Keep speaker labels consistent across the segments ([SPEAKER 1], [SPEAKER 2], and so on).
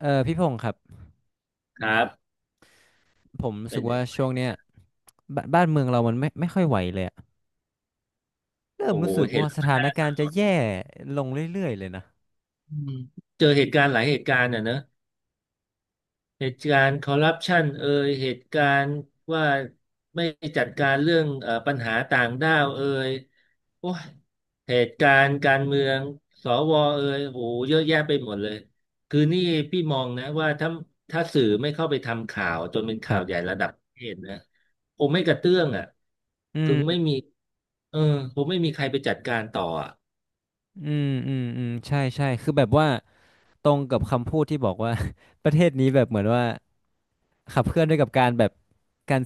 [SPEAKER 1] เออพี่พงศ์ครับ
[SPEAKER 2] ครับ
[SPEAKER 1] ผมรู้
[SPEAKER 2] เป็
[SPEAKER 1] สึกว่า
[SPEAKER 2] น
[SPEAKER 1] ช่วงเนี้ยบ้านเมืองเรามันไม่ค่อยไหวเลยอะเริ่ม
[SPEAKER 2] โอ้โห
[SPEAKER 1] รู้สึก
[SPEAKER 2] เห็น
[SPEAKER 1] ว่า
[SPEAKER 2] แล้ว
[SPEAKER 1] ส
[SPEAKER 2] มัน
[SPEAKER 1] ถาน
[SPEAKER 2] น่า
[SPEAKER 1] การณ์จะ
[SPEAKER 2] สะ
[SPEAKER 1] แย่ลงเรื่อยๆเลยนะ
[SPEAKER 2] อืมเจอเหตุการณ์หลายเหตุการณ์อ่ะเนอะเหตุการณ์คอร์รัปชันเอยเหตุการณ์ว่าไม่จัดการเรื่องปัญหาต่างด้าวเอยโอ้ยเหตุการณ์การเมืองสวเอยโอ้โหเยอะแยะไปหมดเลยคือนี่พี่มองนะว่าถ้าสื่อไม่เข้าไปทำข่าวจนเป็น
[SPEAKER 1] ค
[SPEAKER 2] ข่า
[SPEAKER 1] รั
[SPEAKER 2] วใหญ่
[SPEAKER 1] บ
[SPEAKER 2] ระดับประเทศนะคงไม่กระเตื้องอ่ะ
[SPEAKER 1] อื
[SPEAKER 2] ค
[SPEAKER 1] ม
[SPEAKER 2] งไม่มีเออคงไม่มีใครไปจัดการต่ออ่ะ
[SPEAKER 1] อืมอืมอืมใช่ใช่คือแบบว่าตรงกับคำพูดที่บอกว่า ประเทศนี้แบบเหมือนว่าขับเคลื่อนด้วยกับการแบบการ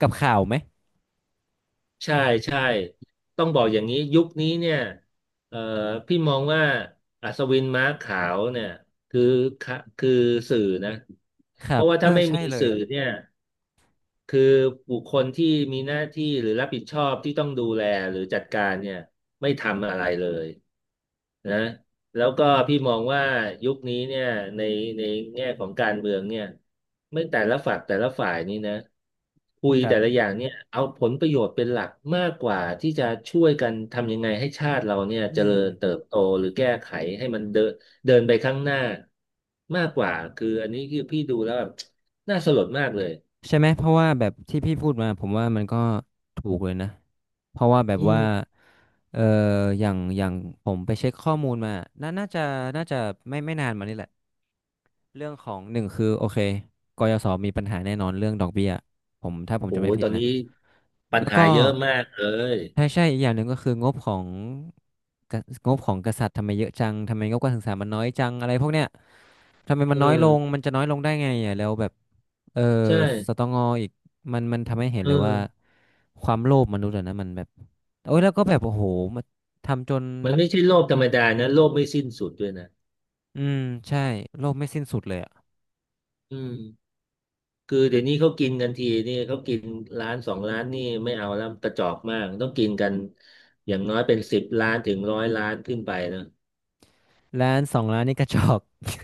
[SPEAKER 1] กับข่าวไหม
[SPEAKER 2] ใช่ใช่ต้องบอกอย่างนี้ยุคนี้เนี่ยเอ่อพี่มองว่าอัศวินม้าขาวเนี่ยคือคือสื่อนะ
[SPEAKER 1] ค
[SPEAKER 2] เพ
[SPEAKER 1] รับ
[SPEAKER 2] ราะว่า
[SPEAKER 1] เออ
[SPEAKER 2] ถ้าไม่
[SPEAKER 1] ใช่
[SPEAKER 2] มี
[SPEAKER 1] เล
[SPEAKER 2] สื่
[SPEAKER 1] ย
[SPEAKER 2] อเนี่ย คือบุคคลที่มีหน้าที่หรือรับผิดชอบที่ต้องดูแลหรือจัดการเนี่ยไม่ทำอะไรเลยนะแล้วก็พี่มองว่ายุคนี้เนี่ยในในแง่ของการเมืองเนี่ยไม่แต่ละฝักแต่ละฝ่ายนี่นะคุย
[SPEAKER 1] ครั
[SPEAKER 2] แต่ละ
[SPEAKER 1] บ
[SPEAKER 2] อย่างเนี่ยเอาผลประโยชน์เป็นหลักมากกว่าที่จะช่วยกันทำยังไงให้ชาติเราเนี่ยเจ
[SPEAKER 1] อืม
[SPEAKER 2] ริญเติบโตหรือแก้ไขให้มันเดินเดินไปข้างหน้ามากกว่าคืออันนี้คือพี่ดูแล้วแบบน่าสลดมากเลย
[SPEAKER 1] ใช่ไหมเพราะว่าแบบที่พี่พูดมาผมว่ามันก็ถูกเลยนะเพราะว่าแบบ
[SPEAKER 2] อืม
[SPEAKER 1] ว่าเอออย่างผมไปเช็คข้อมูลมาน่าน่าจะน่าจะไม่นานมานี่แหละเรื่องของหนึ่งคือโอเคกยศมีปัญหาแน่นอนเรื่องดอกเบี้ยผมถ้าผม
[SPEAKER 2] โอ้
[SPEAKER 1] จะไม่
[SPEAKER 2] ย
[SPEAKER 1] ผิ
[SPEAKER 2] ต
[SPEAKER 1] ด
[SPEAKER 2] อน
[SPEAKER 1] นะ
[SPEAKER 2] นี้ปัญ
[SPEAKER 1] แล้ว
[SPEAKER 2] หา
[SPEAKER 1] ก็
[SPEAKER 2] เยอะมากเลย
[SPEAKER 1] ใช่ใช่อีกอย่างหนึ่งก็คืองบของกะงบของกษัตริย์ทำไมเยอะจังทำไมงบการศึกษามันน้อยจังอะไรพวกเนี้ยทำไมมัน
[SPEAKER 2] อื
[SPEAKER 1] น้อยล
[SPEAKER 2] ม
[SPEAKER 1] งมันจะน้อยลงได้ไงอ่ะแล้วแบบ เออ
[SPEAKER 2] ใช
[SPEAKER 1] สต
[SPEAKER 2] ่
[SPEAKER 1] งอีกมันมันทำให้เห็น
[SPEAKER 2] เอ
[SPEAKER 1] เลยว่า
[SPEAKER 2] อ
[SPEAKER 1] ความโลภมนุษย์อะนะมันแบบโอ้ยแล้วก็แบบโอ้โหมาทำจน
[SPEAKER 2] มันไม่ใช่โลภธรรมดานะโลภไม่สิ้นสุดด้วยนะ
[SPEAKER 1] อืมใช่โลภไม่สิ้นสุดเลยอะ
[SPEAKER 2] อืมคือเดี๋ยวนี้เขากินกันทีนี่เขากินร้านสองร้านนี่ไม่เอาแล้วกระจอกมากต้องกินกันอย่างน้อยเป็น10 ล้านถึงร้อยล้านขึ้นไปนะ
[SPEAKER 1] ร้านสองร้านนี่กระจอก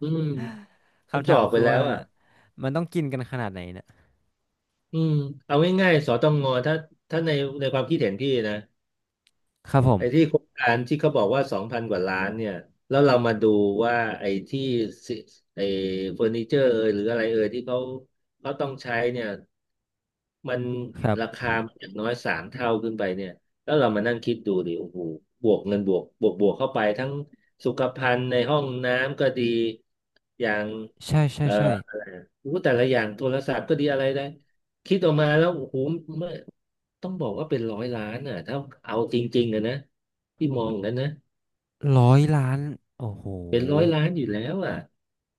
[SPEAKER 2] อืมกระ
[SPEAKER 1] คำ
[SPEAKER 2] จ
[SPEAKER 1] ถา
[SPEAKER 2] อ
[SPEAKER 1] ม
[SPEAKER 2] กไป
[SPEAKER 1] คือ
[SPEAKER 2] แล้
[SPEAKER 1] ว่า
[SPEAKER 2] วอ่ะ
[SPEAKER 1] มันต้องกินกันขนาดไหนเนะ
[SPEAKER 2] อืมเอาง่ายๆสตงถ้าถ้าในความคิดเห็นพี่นะ
[SPEAKER 1] ครับผ
[SPEAKER 2] ไอ้
[SPEAKER 1] ม
[SPEAKER 2] ที่โครงการที่เขาบอกว่า2,000 กว่าล้านเนี่ยแล้วเรามาดูว่าสิไอ้เฟอร์นิเจอร์เอยหรืออะไรเอยที่เขาต้องใช้เนี่ยมัน
[SPEAKER 1] ครั
[SPEAKER 2] รา
[SPEAKER 1] บ
[SPEAKER 2] คามันอย่างน้อย3 เท่าขึ้นไปเนี่ยแล้วเรามานั่งคิดดูดิโอ้โหบวกเงินบวกเข้าไปทั้งสุขภัณฑ์ในห้องน้ำก็ดีอย่าง
[SPEAKER 1] ใช่ใช่ใช่
[SPEAKER 2] โอ้โหแต่ละอย่างโทรศัพท์ก็ดีอะไรได้คิดออกมาแล้วโอ้โหไม่ต้องบอกว่าเป็นร้อยล้านอ่ะถ้าเอาจริงๆอะนะที่มองกันนะ
[SPEAKER 1] 100 ล้านโอ้โห
[SPEAKER 2] เป็นร้อยล้านอยู่แล้วอ่ะ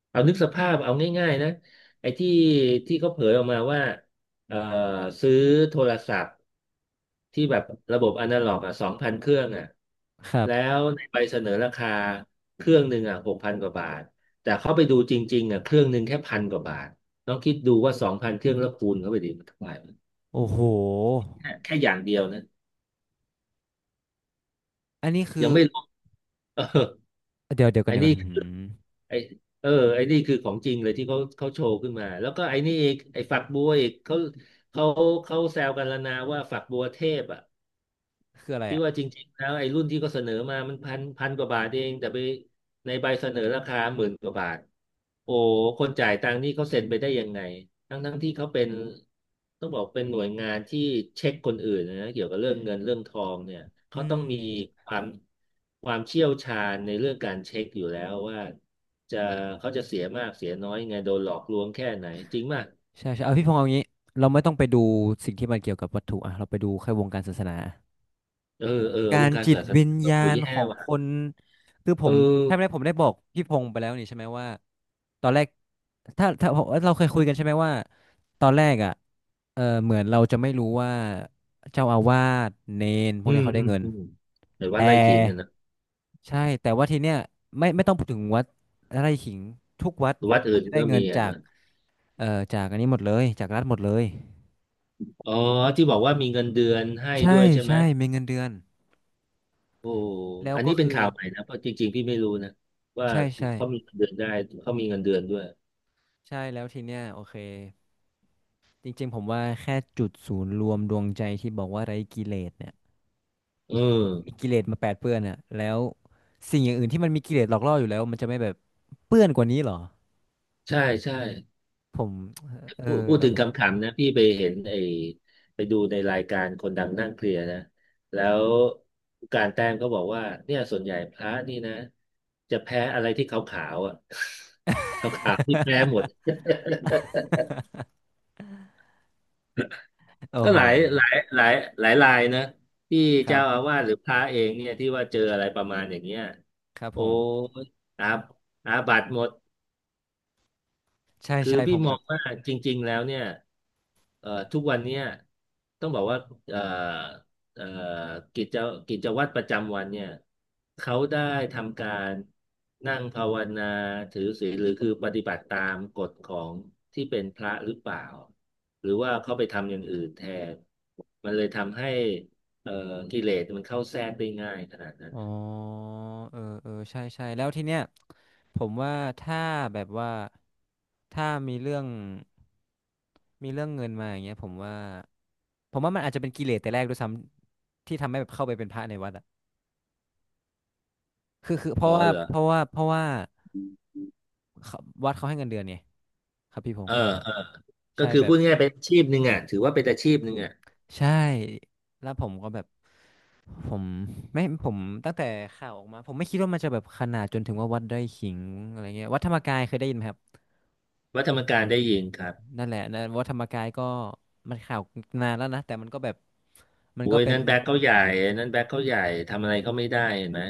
[SPEAKER 2] เอานึกสภาพเอาง่ายๆนะไอ้ที่ที่เขาเผยออกมาว่าเอ่อซื้อโทรศัพท์ ที่แบบระบบอนาล็อกอ่ะสองพันเครื่องอ่ะ
[SPEAKER 1] ครั
[SPEAKER 2] แล้
[SPEAKER 1] บ
[SPEAKER 2] วในใบเสนอราคาเครื่องหนึ่งอ่ะ6,000 กว่าบาทแต่เขาไปดูจริงๆอ่ะเครื่องหนึ่งแค่พันกว่าบาทลองคิดดูว่าสองพันเครื่องแล้วคูณเข้าไปดิมันเท่าไหร่
[SPEAKER 1] โอ้โห
[SPEAKER 2] แค่อย่างเดียวนะ
[SPEAKER 1] อันนี้คื
[SPEAKER 2] ยั
[SPEAKER 1] อ
[SPEAKER 2] งไม่รวมเออ
[SPEAKER 1] เดี๋ยวเดี๋ยวกัน
[SPEAKER 2] ไอ้
[SPEAKER 1] เดี๋ยว
[SPEAKER 2] นี่
[SPEAKER 1] กันหื
[SPEAKER 2] คือ
[SPEAKER 1] ม
[SPEAKER 2] ไอ้ไอ้นี่คือของจริงเลยที่เขาโชว์ขึ้นมาแล้วก็ไอ้นี่อีกไอ้ฝักบัวอีกเขาเขาแซวกันแล้วนะว่าฝักบัวเทพอ่ะ
[SPEAKER 1] คืออะไร
[SPEAKER 2] ที่
[SPEAKER 1] อ่ะ
[SPEAKER 2] ว่าจริงๆแล้วไอ้รุ่นที่ก็เขาเสนอมามันพันกว่าบาทเองแต่ไปในใบเสนอราคา10,000 กว่าบาทโอ้คนจ่ายตังค์นี่เขาเซ็นไปได้ยังไงทั้งที่เขาเป็นต้องบอกเป็นหน่วยงานที่เช็คคนอื่นนะเกี่ยวกับเรื่องเงินเรื่องทองเนี่ย
[SPEAKER 1] อื
[SPEAKER 2] เขาต้อ
[SPEAKER 1] ม
[SPEAKER 2] งมีความความเชี่ยวชาญในเรื่องการเช็คอยู่แล้วว่าจะเขาจะเสียมากเสียน้อยยังไงโดนหลอกลวงแค่ไหนจริงป่ะ
[SPEAKER 1] ใช่ใช่เอาพี่พงษ์เอางี้เราไม่ต้องไปดูสิ่งที่มันเกี่ยวกับวัตถุอ่ะเราไปดูแค่วงการศาสนา
[SPEAKER 2] เออเออ
[SPEAKER 1] กา
[SPEAKER 2] ว
[SPEAKER 1] ร
[SPEAKER 2] งการ
[SPEAKER 1] จิต
[SPEAKER 2] ศาส
[SPEAKER 1] วิ
[SPEAKER 2] นา
[SPEAKER 1] ญ
[SPEAKER 2] ก็
[SPEAKER 1] ญา
[SPEAKER 2] โห
[SPEAKER 1] ณ
[SPEAKER 2] แย่
[SPEAKER 1] ของค
[SPEAKER 2] ว่ะ
[SPEAKER 1] นคือผ
[SPEAKER 2] เออ
[SPEAKER 1] มใช่ไหมผมได้บอกพี่พงษ์ไปแล้วนี่ใช่ไหมว่าตอนแรกถ้าเราเคยคุยกันใช่ไหมว่าตอนแรกอ่ะเออเหมือนเราจะไม่รู้ว่าเจ้าอาวาสเนนพว
[SPEAKER 2] อื
[SPEAKER 1] กเนี้ย
[SPEAKER 2] ม
[SPEAKER 1] เขาได้
[SPEAKER 2] อืม
[SPEAKER 1] เงิน
[SPEAKER 2] อืมในว่า
[SPEAKER 1] แต่
[SPEAKER 2] ไล่ขิงอะนะ
[SPEAKER 1] ใช่แต่ว่าทีเนี้ยไม่ต้องพูดถึงวัดไร่ขิงทุกวัด
[SPEAKER 2] วัด
[SPEAKER 1] เขา
[SPEAKER 2] อื่น
[SPEAKER 1] จะได้
[SPEAKER 2] ก็
[SPEAKER 1] เงิ
[SPEAKER 2] มี
[SPEAKER 1] น
[SPEAKER 2] อะ
[SPEAKER 1] จาก
[SPEAKER 2] นะ
[SPEAKER 1] เอ่อจากอันนี้หมดเลยจากรัฐหมดเลย
[SPEAKER 2] อ๋อที่บอกว่ามีเงินเดือนให้
[SPEAKER 1] ใช่
[SPEAKER 2] ด้วยใช่ไหม
[SPEAKER 1] ใช่มีเงินเดือน
[SPEAKER 2] โอ้
[SPEAKER 1] แล้ว
[SPEAKER 2] อัน
[SPEAKER 1] ก็
[SPEAKER 2] นี้เป็น
[SPEAKER 1] คือ
[SPEAKER 2] ข่าวใหม่นะเพราะจริงๆพี่ไม่รู้นะว่า
[SPEAKER 1] ใช่ใช่
[SPEAKER 2] เขามีเงินเดือนได้เขามีเงินเดือนด้วย
[SPEAKER 1] ใช่แล้วทีเนี้ยโอเคจริงๆผมว่าแค่จุดศูนย์รวมดวงใจที่บอกว่าไร้กิเลสเนี่ย
[SPEAKER 2] เออ
[SPEAKER 1] มีกิเลสมาแปดเปื้อนอ่ะแล้วสิ่งอย่างอื่นที่มันมีกิเลสหลอกล่ออยู่แล้วมันจะไม่แบบเปื้อนกว่านี้เหรอ
[SPEAKER 2] ใช่ใช่
[SPEAKER 1] ผมเออ
[SPEAKER 2] พูด
[SPEAKER 1] แล้ว
[SPEAKER 2] ถึง
[SPEAKER 1] ผม
[SPEAKER 2] คำขำๆนะพี่ไปเห็นไอ้ไปดูในรายการคนดังนั่งเคลียร์นะแล้วผู้การแต้มก็บอกว่าเนี่ยส่วนใหญ่พระนี่นะจะแพ้อะไรที่ขาวๆอ่ะ ขาวๆที่แพ้หมด
[SPEAKER 1] โอ้
[SPEAKER 2] ก็
[SPEAKER 1] โห
[SPEAKER 2] หลายรายนะที่
[SPEAKER 1] ครั
[SPEAKER 2] เจ้าอา
[SPEAKER 1] บ
[SPEAKER 2] วาสหรือพระเองเนี่ยที่ว่าเจออะไรประมาณอย่างเงี้ย
[SPEAKER 1] ครับ
[SPEAKER 2] โอ้
[SPEAKER 1] ผม
[SPEAKER 2] ยอาอาบัติหมด
[SPEAKER 1] ใช่
[SPEAKER 2] คือ
[SPEAKER 1] ใช่ผ
[SPEAKER 2] พี่
[SPEAKER 1] ม
[SPEAKER 2] ม
[SPEAKER 1] แบ
[SPEAKER 2] อ
[SPEAKER 1] บ
[SPEAKER 2] งว่าจริงๆแล้วเนี่ยทุกวันเนี่ยต้องบอกว่าเอ่อเอ่อกิจกิจวัตรประจำวันเนี่ยเขาได้ทำการนั่งภาวนาถือศีลหรือคือปฏิบัติตามกฎของที่เป็นพระหรือเปล่าหรือว่าเขาไปทำอย่างอื่นแทนมันเลยทำให้เอ่อกิเลสมันเข้าแทรกได้ง่ายขนาดนั้น
[SPEAKER 1] อ๋อเออเออใช่ใช่แล้วทีเนี้ยผมว่าถ้าแบบว่า ถ้ามีเรื่องมีเรื่องเงินมาอย่างเงี้ยผมว่าผมว่ามันอาจจะเป็นกิเลสแต่แรกด้วยซ้ำที่ทำให้แบบเข้าไปเป็นพระในวัดอะคือคือเพ
[SPEAKER 2] อ๋อ
[SPEAKER 1] ราะว่า
[SPEAKER 2] เหรอ
[SPEAKER 1] เพราะว่าเพราะว่าเขาวัดเขาให้เงินเดือนไงครับพี่พง
[SPEAKER 2] เออ
[SPEAKER 1] ษ์
[SPEAKER 2] เออก็
[SPEAKER 1] ใช่
[SPEAKER 2] คือ
[SPEAKER 1] แบ
[SPEAKER 2] พู
[SPEAKER 1] บ
[SPEAKER 2] ดง่ายๆเป็นอาชีพหนึ่งอ่ะถือว่าเป็นอาชีพหนึ่งอ่ะ
[SPEAKER 1] ใช่แล้วผมก็แบบผมผมตั้งแต่ข่าวออกมาผมไม่คิดว่ามันจะแบบขนาดจนถึงว่าวัดไร่ขิงอะไรเงี้ยวัดธรรมกายเคยได้ยินไหมครับ
[SPEAKER 2] วัดธรรมกายได้ยินครับ
[SPEAKER 1] นั่นแหละนะวัดธรรมกายก็มันข่าวนานแล้วนะแต่มันก็แบบมัน
[SPEAKER 2] โอ้
[SPEAKER 1] ก็
[SPEAKER 2] ย
[SPEAKER 1] เป็น
[SPEAKER 2] นั่นแบ็คเขาใหญ่อันนั่นแบ็คเขาใหญ่ทำอะไรเขาไม่ได้เห็นไหม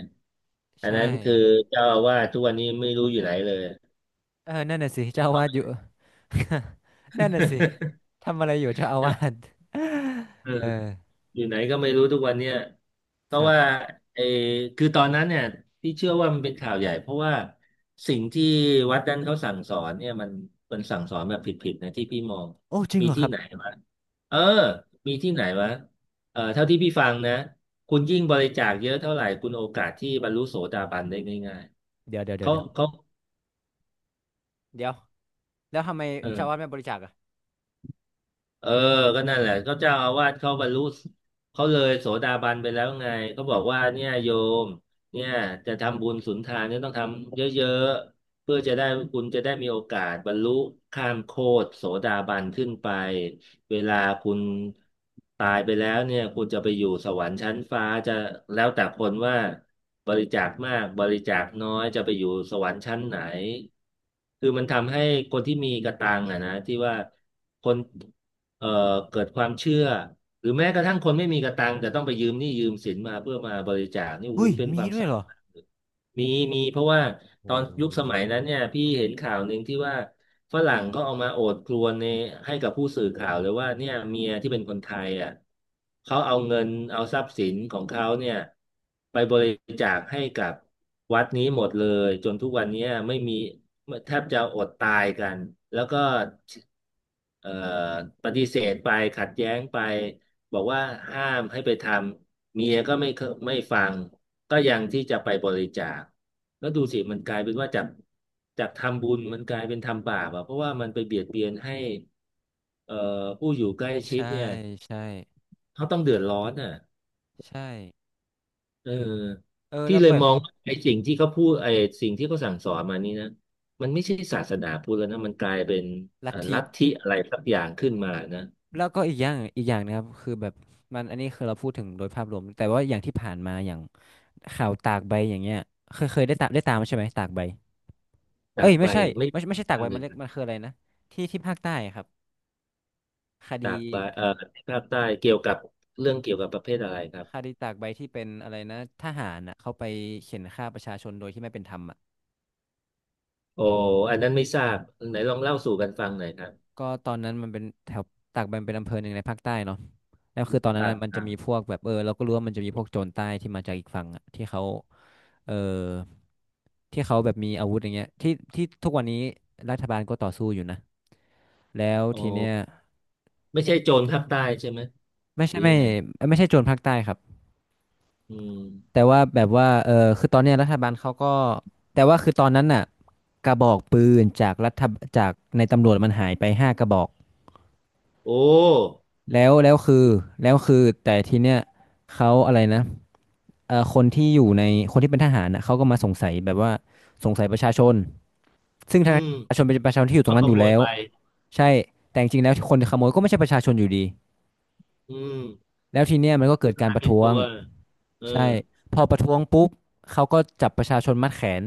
[SPEAKER 2] อัน
[SPEAKER 1] ใช่
[SPEAKER 2] นั้นคือเจ้าอาวาสทุกวันนี้ไม่รู้อยู่ไหนเลย
[SPEAKER 1] เออนั่นน่ะสิเจ้าอาวาสอยู่ นั่นน่ะสิ ทำอะไรอยู่เจ้าอาวาส
[SPEAKER 2] เออ
[SPEAKER 1] เออ
[SPEAKER 2] อยู่ไหนก็ไม่รู้ทุกวันเนี่ยเพ
[SPEAKER 1] ค
[SPEAKER 2] ราะ
[SPEAKER 1] รั
[SPEAKER 2] ว่า
[SPEAKER 1] บ
[SPEAKER 2] เออคือตอนนั้นเนี่ยที่เชื่อว่ามันเป็นข่าวใหญ่เพราะว่าสิ่งที่วัดนั้นเขาสั่งสอนเนี่ยมันสั่งสอนแบบผิดๆนะที่พี่มอง
[SPEAKER 1] โอ้จริง
[SPEAKER 2] มี
[SPEAKER 1] เหรอค
[SPEAKER 2] ที่
[SPEAKER 1] รับ
[SPEAKER 2] ไหนวะเออมีที่ไหนวะเออเท่าที่พี่ฟังนะคุณยิ่งบริจาคเยอะเท่าไหร่คุณโอกาสที่บรรลุโสดาบันได้ง่าย
[SPEAKER 1] เดี๋ยวเดี๋ยว
[SPEAKER 2] ๆ
[SPEAKER 1] เดี๋ยว
[SPEAKER 2] เขา
[SPEAKER 1] เดี๋ยว
[SPEAKER 2] เขา
[SPEAKER 1] เดี๋ยว แล้วทำไม
[SPEAKER 2] เอ
[SPEAKER 1] เจ้าอา
[SPEAKER 2] อ
[SPEAKER 1] วาสไม่บริจาคอ่ะ
[SPEAKER 2] เออก็นั่นแหละก็เจ้าอาวาสเขาบรรลุเขาเลยโสดาบันไปแล้วไงเขาบอกว่าเนี่ยโยมเนี่ยจะทำบุญสุนทานเนี่ยต้องทำเยอะๆเพื่อจะได้คุณจะได้มีโอกาสบรรลุข้ามโคตรโสดาบันขึ้นไปเวลาคุณตายไปแล้วเนี่ยคุณจะไปอยู่สวรรค์ชั้นฟ้าจะแล้วแต่คนว่าบริจาคมากบริจาคน้อยจะไปอยู่สวรรค์ชั้นไหนคือมันทำให้คนที่มีกระตังอะนะที่ว่าคน เอ่อเกิดความเชื่อหรือแม้กระทั่งคนไม่มีกระตังแต่ต้องไปยืมหนี้ยืมสินมาเพื่อมาบริจาคนี่โอ้โห
[SPEAKER 1] อุ้ย
[SPEAKER 2] มันเป็นค
[SPEAKER 1] มี
[SPEAKER 2] วาม
[SPEAKER 1] ด้ว
[SPEAKER 2] เศ
[SPEAKER 1] ย
[SPEAKER 2] ร้า
[SPEAKER 1] เหรอ
[SPEAKER 2] มาก มีมีเพราะว่า
[SPEAKER 1] โอ
[SPEAKER 2] ตอนยุคสมัย
[SPEAKER 1] ้
[SPEAKER 2] นั้นเนี่ยพี่เห็นข่าวหนึ่งที่ว่าฝรั่งก็เอามาโอดครวญในให้กับผู้สื่อข่าวเลยว่าเนี่ยเมียที่เป็นคนไทยอ่ะเขาเอาเงินเอาทรัพย์สินของเขาเนี่ยไปบริจาคให้กับวัดนี้หมดเลยจนทุกวันเนี้ยไม่มีแทบจะอดตายกันแล้วก็เอ่อปฏิเสธไปขัดแย้งไป บอกว่าห้ามให้ไปทำเมียก็ไม่เคไม่ฟังก็ยังที่จะไปบริจาคแล้วดูสิมันกลายเป็นว่าจากทำบุญมันกลายเป็นทำบาปอ่ะเพราะว่ามันไปเบียดเบียนให้เอ่อผู้อยู่ใกล้ชิด
[SPEAKER 1] ใช่
[SPEAKER 2] เนี่ย
[SPEAKER 1] ใช่
[SPEAKER 2] เขาต้องเดือดร้อนอ่ะ
[SPEAKER 1] ใช่
[SPEAKER 2] เออ
[SPEAKER 1] เออ
[SPEAKER 2] พี่
[SPEAKER 1] แล้ว
[SPEAKER 2] เลย
[SPEAKER 1] แบบ
[SPEAKER 2] มองว่าไอ้สิ่งที่เขาพูดไอ้สิ่งที่เขาสั่งสอนมานี่นะมันไม่ใช่ศาสนาพุทธแล้วนะมันกลายเป็น
[SPEAKER 1] ลัทธิ
[SPEAKER 2] ลัทธิอะไรสักอย่างขึ้นมานะ
[SPEAKER 1] แล้วก็อีกอย่างอีกอย่างนะครับ คือแบบมันอันนี้คือเราพูดถึงโดยภาพรวม แต่ว่าอย่างที่ผ่านมา อย่างข่าวตากใบอย่างเงี้ยเคยเคยได้ตามใช่ไหมตากใบ เอ้
[SPEAKER 2] จาก
[SPEAKER 1] ย
[SPEAKER 2] ไป
[SPEAKER 1] ไม่ใช่
[SPEAKER 2] ไม่
[SPEAKER 1] ไม่ใช่ไม่ใช่
[SPEAKER 2] ท
[SPEAKER 1] ตาก
[SPEAKER 2] รา
[SPEAKER 1] ใบ
[SPEAKER 2] บเล
[SPEAKER 1] มัน
[SPEAKER 2] ย
[SPEAKER 1] เรียกมันคืออะไรนะที่ที่ภาคใต้ครับคดี
[SPEAKER 2] จากบาที่ภาคใต้เกี่ยวกับเรื่องเกี่ยวกับประเภทอะไรครับ
[SPEAKER 1] คดีตากใบที่เป็นอะไรนะทหารอ่ะเขาไปเข่นฆ่าประชาชนโดยที่ไม่เป็นธรรมอ่ะ
[SPEAKER 2] โอ้อันนั้นไม่ทราบไหนลองเล่าสู่กันฟังหน่อยครับ
[SPEAKER 1] ก็ตอนนั้นมันเป็นแถวตากใบมันเป็นอำเภอหนึ่งในภาคใต้เนาะแล้วคือตอน
[SPEAKER 2] ค
[SPEAKER 1] นั้น
[SPEAKER 2] รับ
[SPEAKER 1] นะมัน
[SPEAKER 2] ค
[SPEAKER 1] จะ
[SPEAKER 2] รั
[SPEAKER 1] มี
[SPEAKER 2] บ
[SPEAKER 1] พวกแบบเออเราก็รู้ว่ามันจะมีพวกโจรใต้ที่มาจากอีกฝั่งอ่ะที่เขาเออที่เขาแบบมีอาวุธอย่างเงี้ยที่ที่ทุกวันนี้รัฐบาลก็ต่อสู้อยู่นะแล้ว
[SPEAKER 2] โ
[SPEAKER 1] ทีเนี้ย
[SPEAKER 2] อ้ไม่ใช่โจรภาคใต้ใช่ไหม
[SPEAKER 1] ไม่
[SPEAKER 2] ห
[SPEAKER 1] ใช่
[SPEAKER 2] รือ
[SPEAKER 1] ไม่
[SPEAKER 2] ยังไง
[SPEAKER 1] ไม่ใช่โจรภาคใต้ครับ
[SPEAKER 2] อืม
[SPEAKER 1] แต่ว่าแบบว่าเออคือตอนเนี้ยรัฐบาลเขาก็แต่ว่าคือตอนนั้นน่ะกระบอกปืนจากรัฐจากในตำรวจมันหายไป5 กระบอก
[SPEAKER 2] โอ้
[SPEAKER 1] แล้วแล้วคือแล้วคือแต่ทีเนี้ยเขาอะไรนะเออคนที่อยู่ในคนที่เป็นทหารนะเขาก็มาสงสัยแบบว่าสงสัยประชาชนซึ่ง
[SPEAKER 2] อื
[SPEAKER 1] ทาง
[SPEAKER 2] ม
[SPEAKER 1] ประชาชนเป็นประชาชนที่อยู่ตร
[SPEAKER 2] ก็
[SPEAKER 1] ง
[SPEAKER 2] ข
[SPEAKER 1] นั้นอยู่
[SPEAKER 2] โมย
[SPEAKER 1] แล้ว
[SPEAKER 2] ไป
[SPEAKER 1] ใช่แต่จริงๆแล้วคนขโมยก็ไม่ใช่ประชาชนอยู่ดี
[SPEAKER 2] อืม
[SPEAKER 1] แล้วทีเนี้ยมันก็เกิดการ
[SPEAKER 2] หา
[SPEAKER 1] ประ
[SPEAKER 2] ผิด
[SPEAKER 1] ท้ว
[SPEAKER 2] ตั
[SPEAKER 1] ง
[SPEAKER 2] วเออ
[SPEAKER 1] ใช่พอประท้วงปุ๊บเขาก็จับประชาชนมัดแขน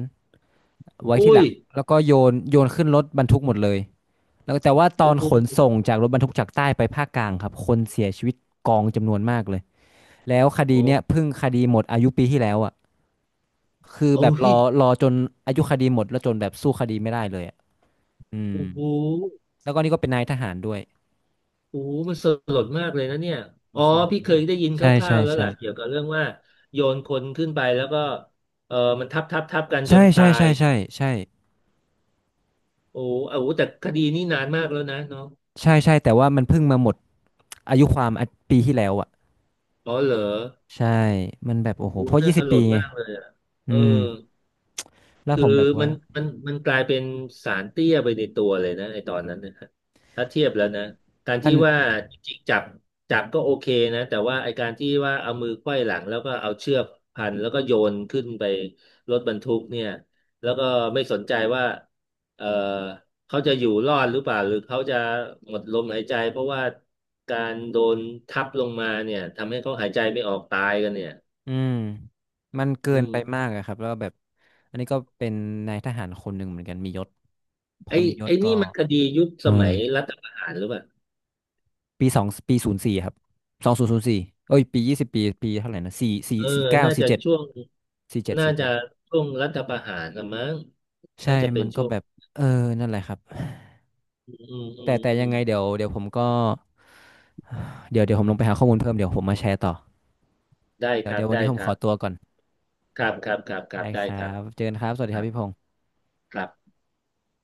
[SPEAKER 1] ไว้ที่
[SPEAKER 2] อุ้
[SPEAKER 1] ห
[SPEAKER 2] ย
[SPEAKER 1] ลังแล้วก็โยนโยนขึ้นรถบรรทุกหมดเลยแล้วแต่ว่าตอ
[SPEAKER 2] โอ้
[SPEAKER 1] น
[SPEAKER 2] โห
[SPEAKER 1] ขนส่งจากรถบรรทุกจากใต้ไปภาคกลางครับคนเสียชีวิตกองจำนวนมากเลยแล้วคดี
[SPEAKER 2] โอ้
[SPEAKER 1] เนี้ยเพิ่งคดีหมดอายุปีที่แล้วอ่ะคือแบ
[SPEAKER 2] โอ้
[SPEAKER 1] บร
[SPEAKER 2] ย
[SPEAKER 1] อรอจนอายุคดีหมดแล้วจนแบบสู้คดีไม่ได้เลยอ่ะอืม
[SPEAKER 2] โอ้โห
[SPEAKER 1] แล้วก็นี่ก็เป็นนายทหารด้วย
[SPEAKER 2] โอ้โหมันสลดมากเลยนะเนี่ย อ๋อพี่เคยได้ยินค
[SPEAKER 1] ใช่
[SPEAKER 2] ร่า
[SPEAKER 1] ใช่
[SPEAKER 2] วๆแล้ว
[SPEAKER 1] ใช่
[SPEAKER 2] แหละเกี่ยวกับเรื่องว่าโยนคนขึ้นไปแล้วก็เออมันทับทับกันจ
[SPEAKER 1] ใช่
[SPEAKER 2] นตา
[SPEAKER 1] ใช่
[SPEAKER 2] ย
[SPEAKER 1] ใช่ใช่ใช่ใช
[SPEAKER 2] โอ้โหโอ้โหแต่คดีนี้นานมากแล้วนะเนาะ
[SPEAKER 1] ่ใช่แต่ว่ามันเพิ่งมาหมดอายุความอ่ะปีที่แล้วอ่ะ
[SPEAKER 2] อ๋อเหรอ
[SPEAKER 1] ใช่มันแบบโอ้โห
[SPEAKER 2] โอ้
[SPEAKER 1] เพ
[SPEAKER 2] โห
[SPEAKER 1] ราะยี่
[SPEAKER 2] น่าส
[SPEAKER 1] สิบ
[SPEAKER 2] ล
[SPEAKER 1] ปี
[SPEAKER 2] ด
[SPEAKER 1] ไง
[SPEAKER 2] มากเลยอ่ะเอ
[SPEAKER 1] อื
[SPEAKER 2] อ
[SPEAKER 1] มแล้ว
[SPEAKER 2] คือ
[SPEAKER 1] ผมแบบ
[SPEAKER 2] มั
[SPEAKER 1] ว่า
[SPEAKER 2] นมันมันกลายเป็นสารเตี้ยไปในตัวเลยนะไอตอนนั้นนะฮะถ้าเทียบแล้วนะการ
[SPEAKER 1] มั
[SPEAKER 2] ที่
[SPEAKER 1] น
[SPEAKER 2] ว่าจริงๆจับก็โอเคนะแต่ว่าไอการที่ว่าเอามือไขว้หลังแล้วก็เอาเชือกพันแล้วก็โยนขึ้นไปรถบรรทุกเนี่ยแล้วก็ไม่สนใจว่าเออเขาจะอยู่รอดหรือเปล่าหรือเขาจะหมดลมหายใจเพราะว่าการโดนทับลงมาเนี่ยทำให้เขาหายใจไม่ออกตายกันเนี่ย
[SPEAKER 1] อืมมันเกิ
[SPEAKER 2] อื
[SPEAKER 1] นไปมา
[SPEAKER 2] ม
[SPEAKER 1] กอะครับแล้วก็แบบอันนี้ก็เป็นนายทหารคนหนึ่งเหมือนกันมียศพอ
[SPEAKER 2] ไอ้
[SPEAKER 1] มียศ
[SPEAKER 2] ไอ้
[SPEAKER 1] ก็
[SPEAKER 2] นี่มันคดียุค
[SPEAKER 1] เอ
[SPEAKER 2] ส
[SPEAKER 1] อ
[SPEAKER 2] มัยรัฐประหารหรือเปล่า
[SPEAKER 1] ปีสองปีศูนย์สี่ครับ2004เอ้ยปียี่สิบปีปีเท่าไหร่นะสี่สี่
[SPEAKER 2] เออ
[SPEAKER 1] สี่เก้า
[SPEAKER 2] น่า
[SPEAKER 1] สี่
[SPEAKER 2] จะ
[SPEAKER 1] เจ็ด
[SPEAKER 2] ช่วง
[SPEAKER 1] สี่เจ็ด
[SPEAKER 2] น่า
[SPEAKER 1] สี่
[SPEAKER 2] จะ
[SPEAKER 1] เจ็ด
[SPEAKER 2] ช่วงรัฐประหารละมั้ง
[SPEAKER 1] ใช่
[SPEAKER 2] น่าจะเป็
[SPEAKER 1] มั
[SPEAKER 2] น
[SPEAKER 1] นก็
[SPEAKER 2] ช่วง
[SPEAKER 1] แบบเออนั่นแหละครับ
[SPEAKER 2] อืมอื
[SPEAKER 1] แต่
[SPEAKER 2] ม
[SPEAKER 1] แต่
[SPEAKER 2] อื
[SPEAKER 1] ยัง
[SPEAKER 2] ม
[SPEAKER 1] ไงเดี๋ยวเดี๋ยวผมก็เดี๋ยวเดี๋ยวผมลงไปหาข้อมูลเพิ่มเดี๋ยวผมมาแชร์ต่อ
[SPEAKER 2] ได้
[SPEAKER 1] เดี๋
[SPEAKER 2] ค
[SPEAKER 1] ยว
[SPEAKER 2] รับ
[SPEAKER 1] เดี๋ยววัน
[SPEAKER 2] ได้
[SPEAKER 1] นี้ผม
[SPEAKER 2] ค
[SPEAKER 1] ข
[SPEAKER 2] รั
[SPEAKER 1] อ
[SPEAKER 2] บ
[SPEAKER 1] ตัวก่อน
[SPEAKER 2] ครับครับครับครั
[SPEAKER 1] ได้
[SPEAKER 2] บได้
[SPEAKER 1] ครั
[SPEAKER 2] ครับ
[SPEAKER 1] บเจอกันครับสวัสดี
[SPEAKER 2] ค
[SPEAKER 1] ค
[SPEAKER 2] รั
[SPEAKER 1] รับ
[SPEAKER 2] บ
[SPEAKER 1] พี่พงษ์
[SPEAKER 2] ครับ